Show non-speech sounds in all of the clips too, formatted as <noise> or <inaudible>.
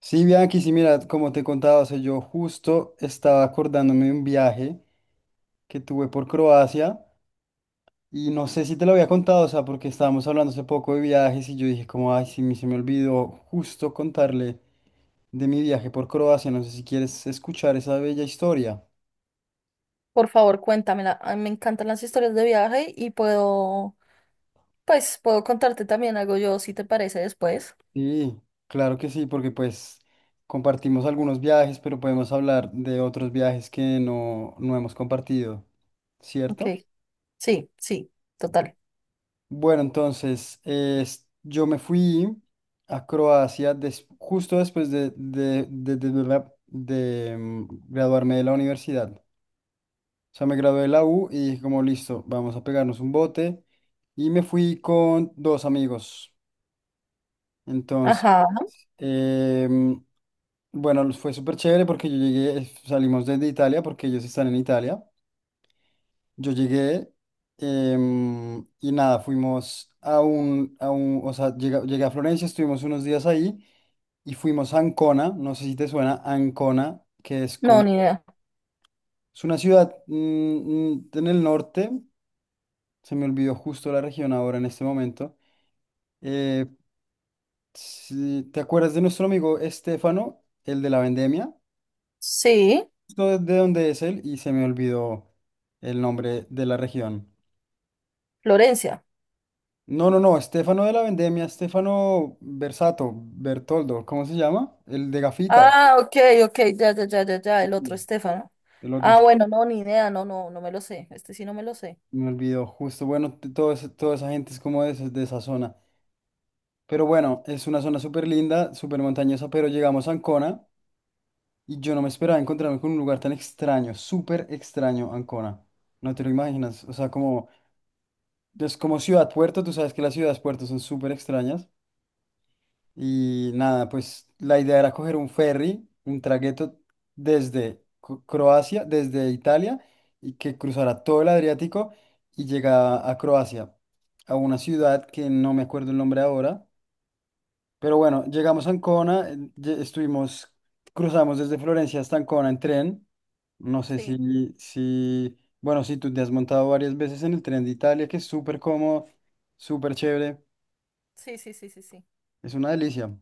Sí, Bianchi, sí, mira, como te contaba, o sea, yo justo estaba acordándome de un viaje que tuve por Croacia y no sé si te lo había contado, o sea, porque estábamos hablando hace poco de viajes y yo dije como, ay, sí, se me olvidó justo contarle de mi viaje por Croacia, no sé si quieres escuchar esa bella historia. Por favor, cuéntamela. A mí me encantan las historias de viaje y puedo contarte también algo yo, si te parece, después. Sí, claro que sí, porque pues compartimos algunos viajes, pero podemos hablar de otros viajes que no hemos compartido, Ok. ¿cierto? Sí, sí, total. Bueno, entonces, yo me fui a Croacia justo después de graduarme de la universidad. O sea, me gradué de la U y dije como, listo, vamos a pegarnos un bote. Y me fui con dos amigos. Entonces, Ajá. em, bueno, fue súper chévere porque yo llegué, salimos desde Italia porque ellos están en Italia. Yo llegué y nada, fuimos a o sea, llegué a Florencia, estuvimos unos días ahí y fuimos a Ancona, no sé si te suena, Ancona, que es No, como, ni idea. es una ciudad en el norte, se me olvidó justo la región ahora en este momento. Eh, ¿Te acuerdas de nuestro amigo Estefano, el de la vendemia? Sí, Justo de dónde es él y se me olvidó el nombre de la región. Florencia. No, no, no, Estefano de la Vendemia, Estefano Versato, Bertoldo, ¿cómo se llama? El de gafitas. Ah, ok, ok, ya, ya, ya, ya, ya, el otro Sí. Estefano. El otro Ah, se bueno, no, ni idea, no, no, no me lo sé. Este sí no me lo sé. me olvidó, justo. Bueno, toda esa gente es como de, de esa zona. Pero bueno, es una zona súper linda, súper montañosa, pero llegamos a Ancona y yo no me esperaba encontrarme con un lugar tan extraño, súper extraño Ancona. No te lo imaginas. O sea, como, es como ciudad puerto, tú sabes que las ciudades puertos son súper extrañas. Y nada, pues la idea era coger un ferry, un tragueto desde Croacia, desde Italia, y que cruzara todo el Adriático y llegaba a Croacia, a una ciudad que no me acuerdo el nombre ahora. Pero bueno, llegamos a Ancona, estuvimos, cruzamos desde Florencia hasta Ancona en tren. No sé Sí, bueno, si tú te has montado varias veces en el tren de Italia, que es súper cómodo, súper chévere, sí, sí, sí, sí, sí. es una delicia.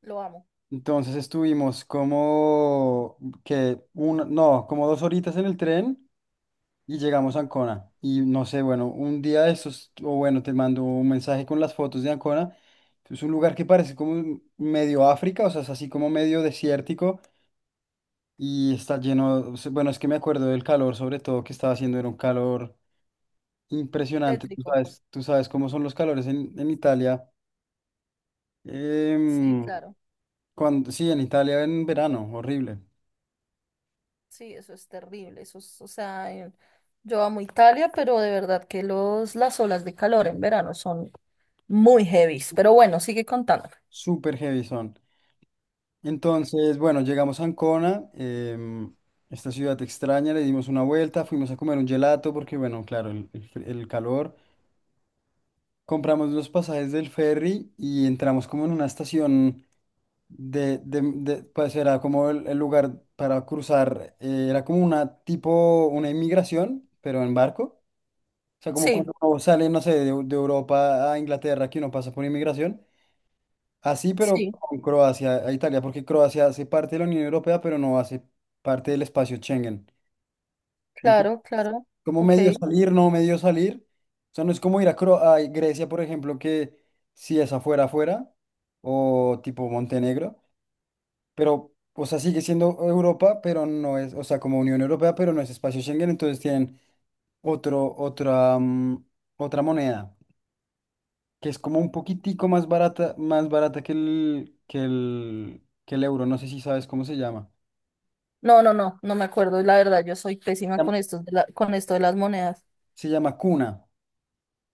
Lo amo. Entonces estuvimos como que un, no, como 2 horitas en el tren y llegamos a Ancona. Y no sé, bueno, un día de estos, o bueno, te mando un mensaje con las fotos de Ancona. Es un lugar que parece como medio África, o sea, es así como medio desértico y está lleno, o sea, bueno, es que me acuerdo del calor, sobre todo que estaba haciendo, era un calor impresionante. Tétrico. Tú sabes cómo son los calores en Italia. Sí, em, claro. cuando, sí, en Italia en verano, horrible. Sí, eso es terrible. Eso es, o sea, en- Yo amo Italia, pero de verdad que las olas de calor en verano son muy heavies. Pero bueno, sigue contando. Súper heavy son. Entonces, bueno, llegamos a Ancona, esta ciudad extraña, le dimos una vuelta, fuimos a comer un gelato porque, bueno, claro, el calor. Compramos los pasajes del ferry y entramos como en una estación pues era como el lugar para cruzar, era como una tipo, una inmigración, pero en barco. O sea, como Sí, cuando uno sale, no sé, de Europa a Inglaterra, que uno pasa por inmigración. Así, pero sí, con Croacia a Italia, porque Croacia hace parte de la Unión Europea, pero no hace parte del espacio Schengen. Entonces, claro, claro. como Ok. medio salir, ¿no medio salir? O sea, no es como ir a, a Grecia, por ejemplo, que si es afuera, afuera, o tipo Montenegro, pero, o sea, sigue siendo Europa, pero no es, o sea, como Unión Europea, pero no es espacio Schengen, entonces tienen otro, otra, mm, otra moneda. Que es como un poquitico más barata que el euro. No sé si sabes cómo se llama. No, no, no, no me acuerdo. La verdad, yo soy Se pésima llama con con esto de las monedas. se llama Cuna.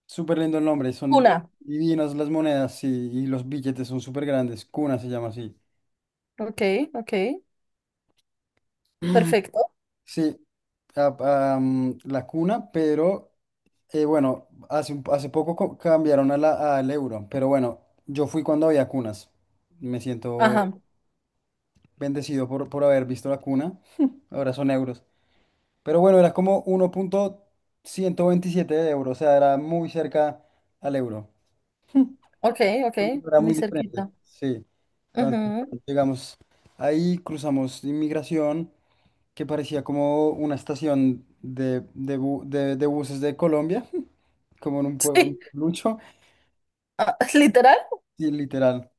Súper lindo el nombre. Son Una. divinas las monedas, sí, y los billetes son súper grandes. Cuna se llama así. Ok, ok. Perfecto. Sí, ah, la cuna, pero bueno, hace, hace poco cambiaron a al euro, pero bueno, yo fui cuando había cunas. Me siento Ajá. bendecido por haber visto la cuna. <laughs> Ahora son euros. Pero bueno, era como 1.127 euros, o sea, era muy cerca al euro. Ok, ok. Era Muy muy diferente, cerquita. sí. Entonces, Ujú. llegamos ahí, cruzamos inmigración, que parecía como una estación de buses de Colombia, <laughs> como en un pueblo, Sí, lucho, ah, <laughs> literal. y literal.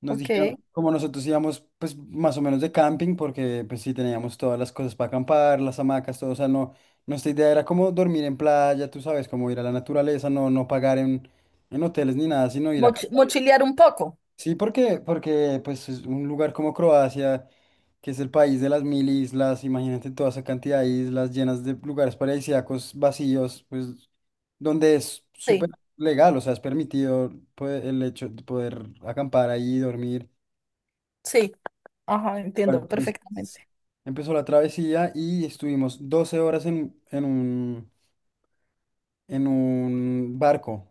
Nos dijeron, Ok. como nosotros íbamos, pues más o menos de camping, porque pues sí teníamos todas las cosas para acampar, las hamacas, todo, o sea, no, nuestra idea era como dormir en playa, tú sabes, como ir a la naturaleza, no pagar en hoteles ni nada, sino ir a acampar. Mochilear un poco. Sí, porque pues es un lugar como Croacia, que es el país de las mil islas, imagínate toda esa cantidad de islas llenas de lugares paradisíacos, vacíos, pues donde es súper Sí, legal, o sea, es permitido pues, el hecho de poder acampar ahí, dormir. sí. Ajá, Bueno, entiendo entonces perfectamente. empezó la travesía y estuvimos 12 horas en un barco.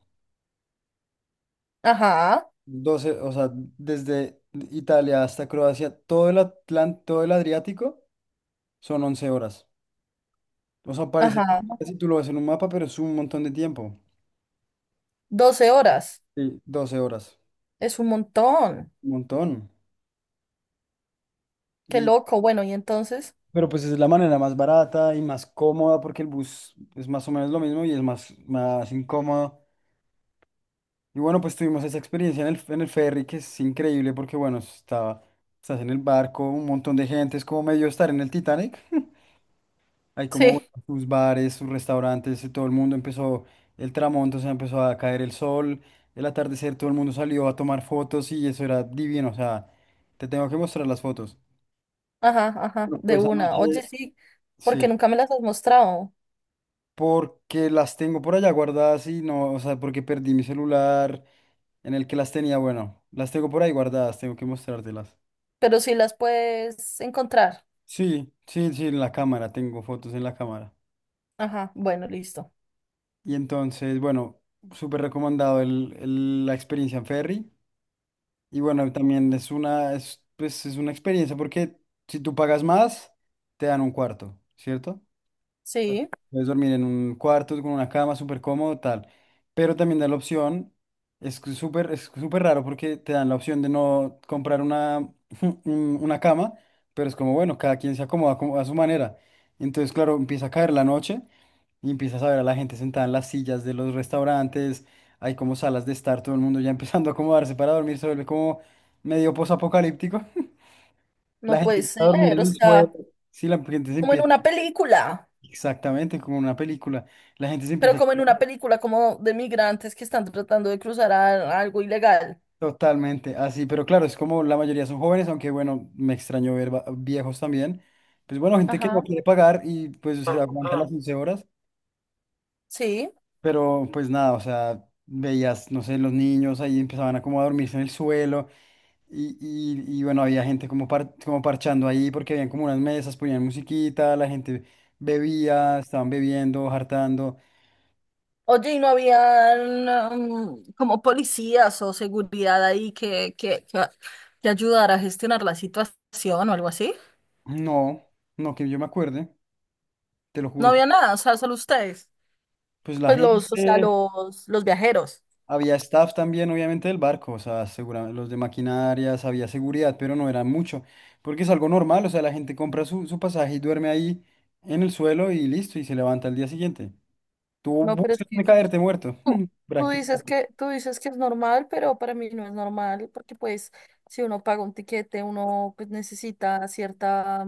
Ajá, Doce, o sea, desde Italia hasta Croacia, todo el todo el Adriático son 11 horas. O sea, parece que ajá, si tú lo ves en un mapa, pero es un montón de tiempo. 12 horas. Sí, 12 horas. Es un montón. Un montón. Qué Y, loco. Bueno, y entonces, pero pues es la manera más barata y más cómoda porque el bus es más o menos lo mismo y es más, más incómodo. Y bueno, pues tuvimos esa experiencia en en el ferry que es increíble porque, bueno, estaba, estás en el barco, un montón de gente, es como medio estar en el Titanic. <laughs> Hay como bueno, sí, sus bares, sus restaurantes, y todo el mundo empezó, el tramonto, o sea, empezó a caer el sol, el atardecer, todo el mundo salió a tomar fotos y eso era divino, o sea, te tengo que mostrar las fotos. ajá, ajá, Bueno, de pero pues, esa una. noche, Oye, sí, sí, porque nunca me las has mostrado, porque las tengo por allá guardadas y no, o sea, porque perdí mi celular en el que las tenía, bueno, las tengo por ahí guardadas, tengo que mostrártelas. pero sí las puedes encontrar. Sí, sí, sí, en la cámara, tengo fotos en la cámara. Ajá, bueno, listo. Y entonces, bueno, súper recomendado la experiencia en ferry. Y bueno, también es una, es, pues, es una experiencia porque si tú pagas más, te dan un cuarto, ¿cierto? Sí, Puedes dormir en un cuarto con una cama súper cómodo, tal. Pero también da la opción, es que súper, es súper raro porque te dan la opción de no comprar <laughs> una cama, pero es como, bueno, cada quien se acomoda como a su manera. Entonces, claro, empieza a caer la noche y empiezas a ver a la gente sentada en las sillas de los restaurantes, hay como salas de estar, todo el mundo ya <laughs> empezando a acomodarse para dormir, se vuelve como medio posapocalíptico. <laughs> La no gente puede empieza a dormir ser. en O el suelo, sea, sí, la gente se como en empieza. una película, Exactamente, como una película. La gente se pero empieza como en una película como de migrantes que están tratando de algo ilegal. totalmente así, pero claro, es como la mayoría son jóvenes, aunque bueno, me extrañó ver viejos también. Pues bueno, gente que no Ajá, quiere pagar y pues se aguanta las 11 horas, sí. pero pues nada, o sea, veías, no sé, los niños ahí empezaban a como a dormirse en el suelo y bueno, había gente como, como parchando ahí porque habían como unas mesas, ponían musiquita, la gente bebía, estaban bebiendo, hartando. Oye, ¿y no habían como policías o seguridad ahí que ayudara a gestionar la situación o algo así? No, no que yo me acuerde, te lo No juro. Había nada, o sea, solo ustedes. Pues la Pues los, o sea, gente... Los viajeros. Había staff también, obviamente, del barco, o sea, los de maquinarias, había seguridad, pero no era mucho, porque es algo normal, o sea, la gente compra su pasaje y duerme ahí en el suelo y listo, y se levanta al día siguiente. Tú No, pero es buscas que de caerte muerto, tú, <laughs> prácticamente. Tú dices que es normal, pero para mí no es normal, porque pues si uno paga un tiquete, uno pues necesita cierta,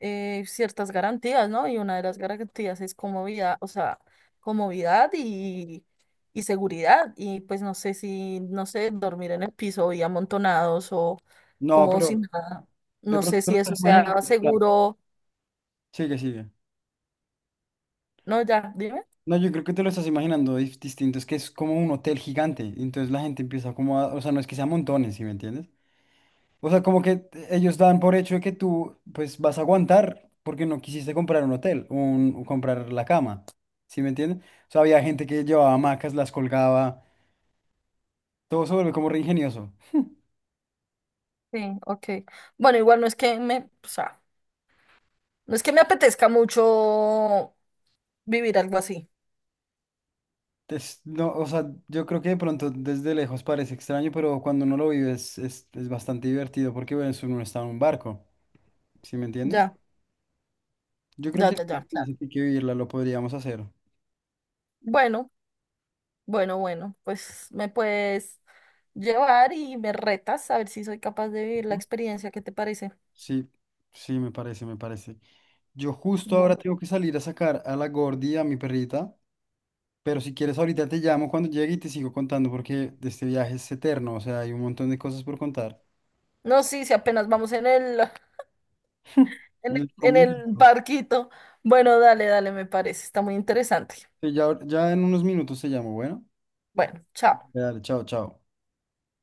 ciertas garantías, ¿no? Y una de las garantías es comodidad, o sea, comodidad y seguridad. Y pues no sé si, no sé, dormir en el piso y amontonados o No, como pero sin nada. de No pronto sé te lo si estás eso sea imaginando. O sea, seguro. sigue, sigue. No, ya, dime. No, yo creo que te lo estás imaginando distinto, es que es como un hotel gigante, entonces la gente empieza como a, o sea, no es que sea montones, ¿sí me entiendes? O sea, como que ellos dan por hecho de que tú, pues, vas a aguantar porque no quisiste comprar un hotel, un, o comprar la cama. ¿Sí me entienden? O sea, había gente que llevaba hamacas, las colgaba. Todo se vuelve como re ingenioso. Sí, ok. Bueno, igual no es que me, o sea, no es que me apetezca mucho vivir algo así. No, o sea, yo creo que de pronto desde lejos parece extraño, pero cuando uno lo vive es bastante divertido porque, bueno, uno está en un barco. ¿Sí me entiendes? Ya, Yo creo ya, que ya, ya, sí, claro. sí hay que vivirla, lo podríamos hacer. Bueno. Bueno, bueno, pues me puedes llevar y me retas a ver si soy capaz de vivir la Ujú. experiencia. ¿Qué te parece? Sí, sí, me parece, me parece. Yo justo ahora No, tengo que salir a sacar a la Gordi, a mi perrita, pero si quieres ahorita te llamo cuando llegue y te sigo contando porque de este viaje es eterno, o sea, hay un montón de cosas por contar. no, sí, si apenas vamos en el, <laughs> En el en el comienzo. barquito. Bueno, dale, dale, me parece. Está muy interesante. Sí, ya, ya en unos minutos te llamo, bueno. Bueno, chao. Dale, chao, chao.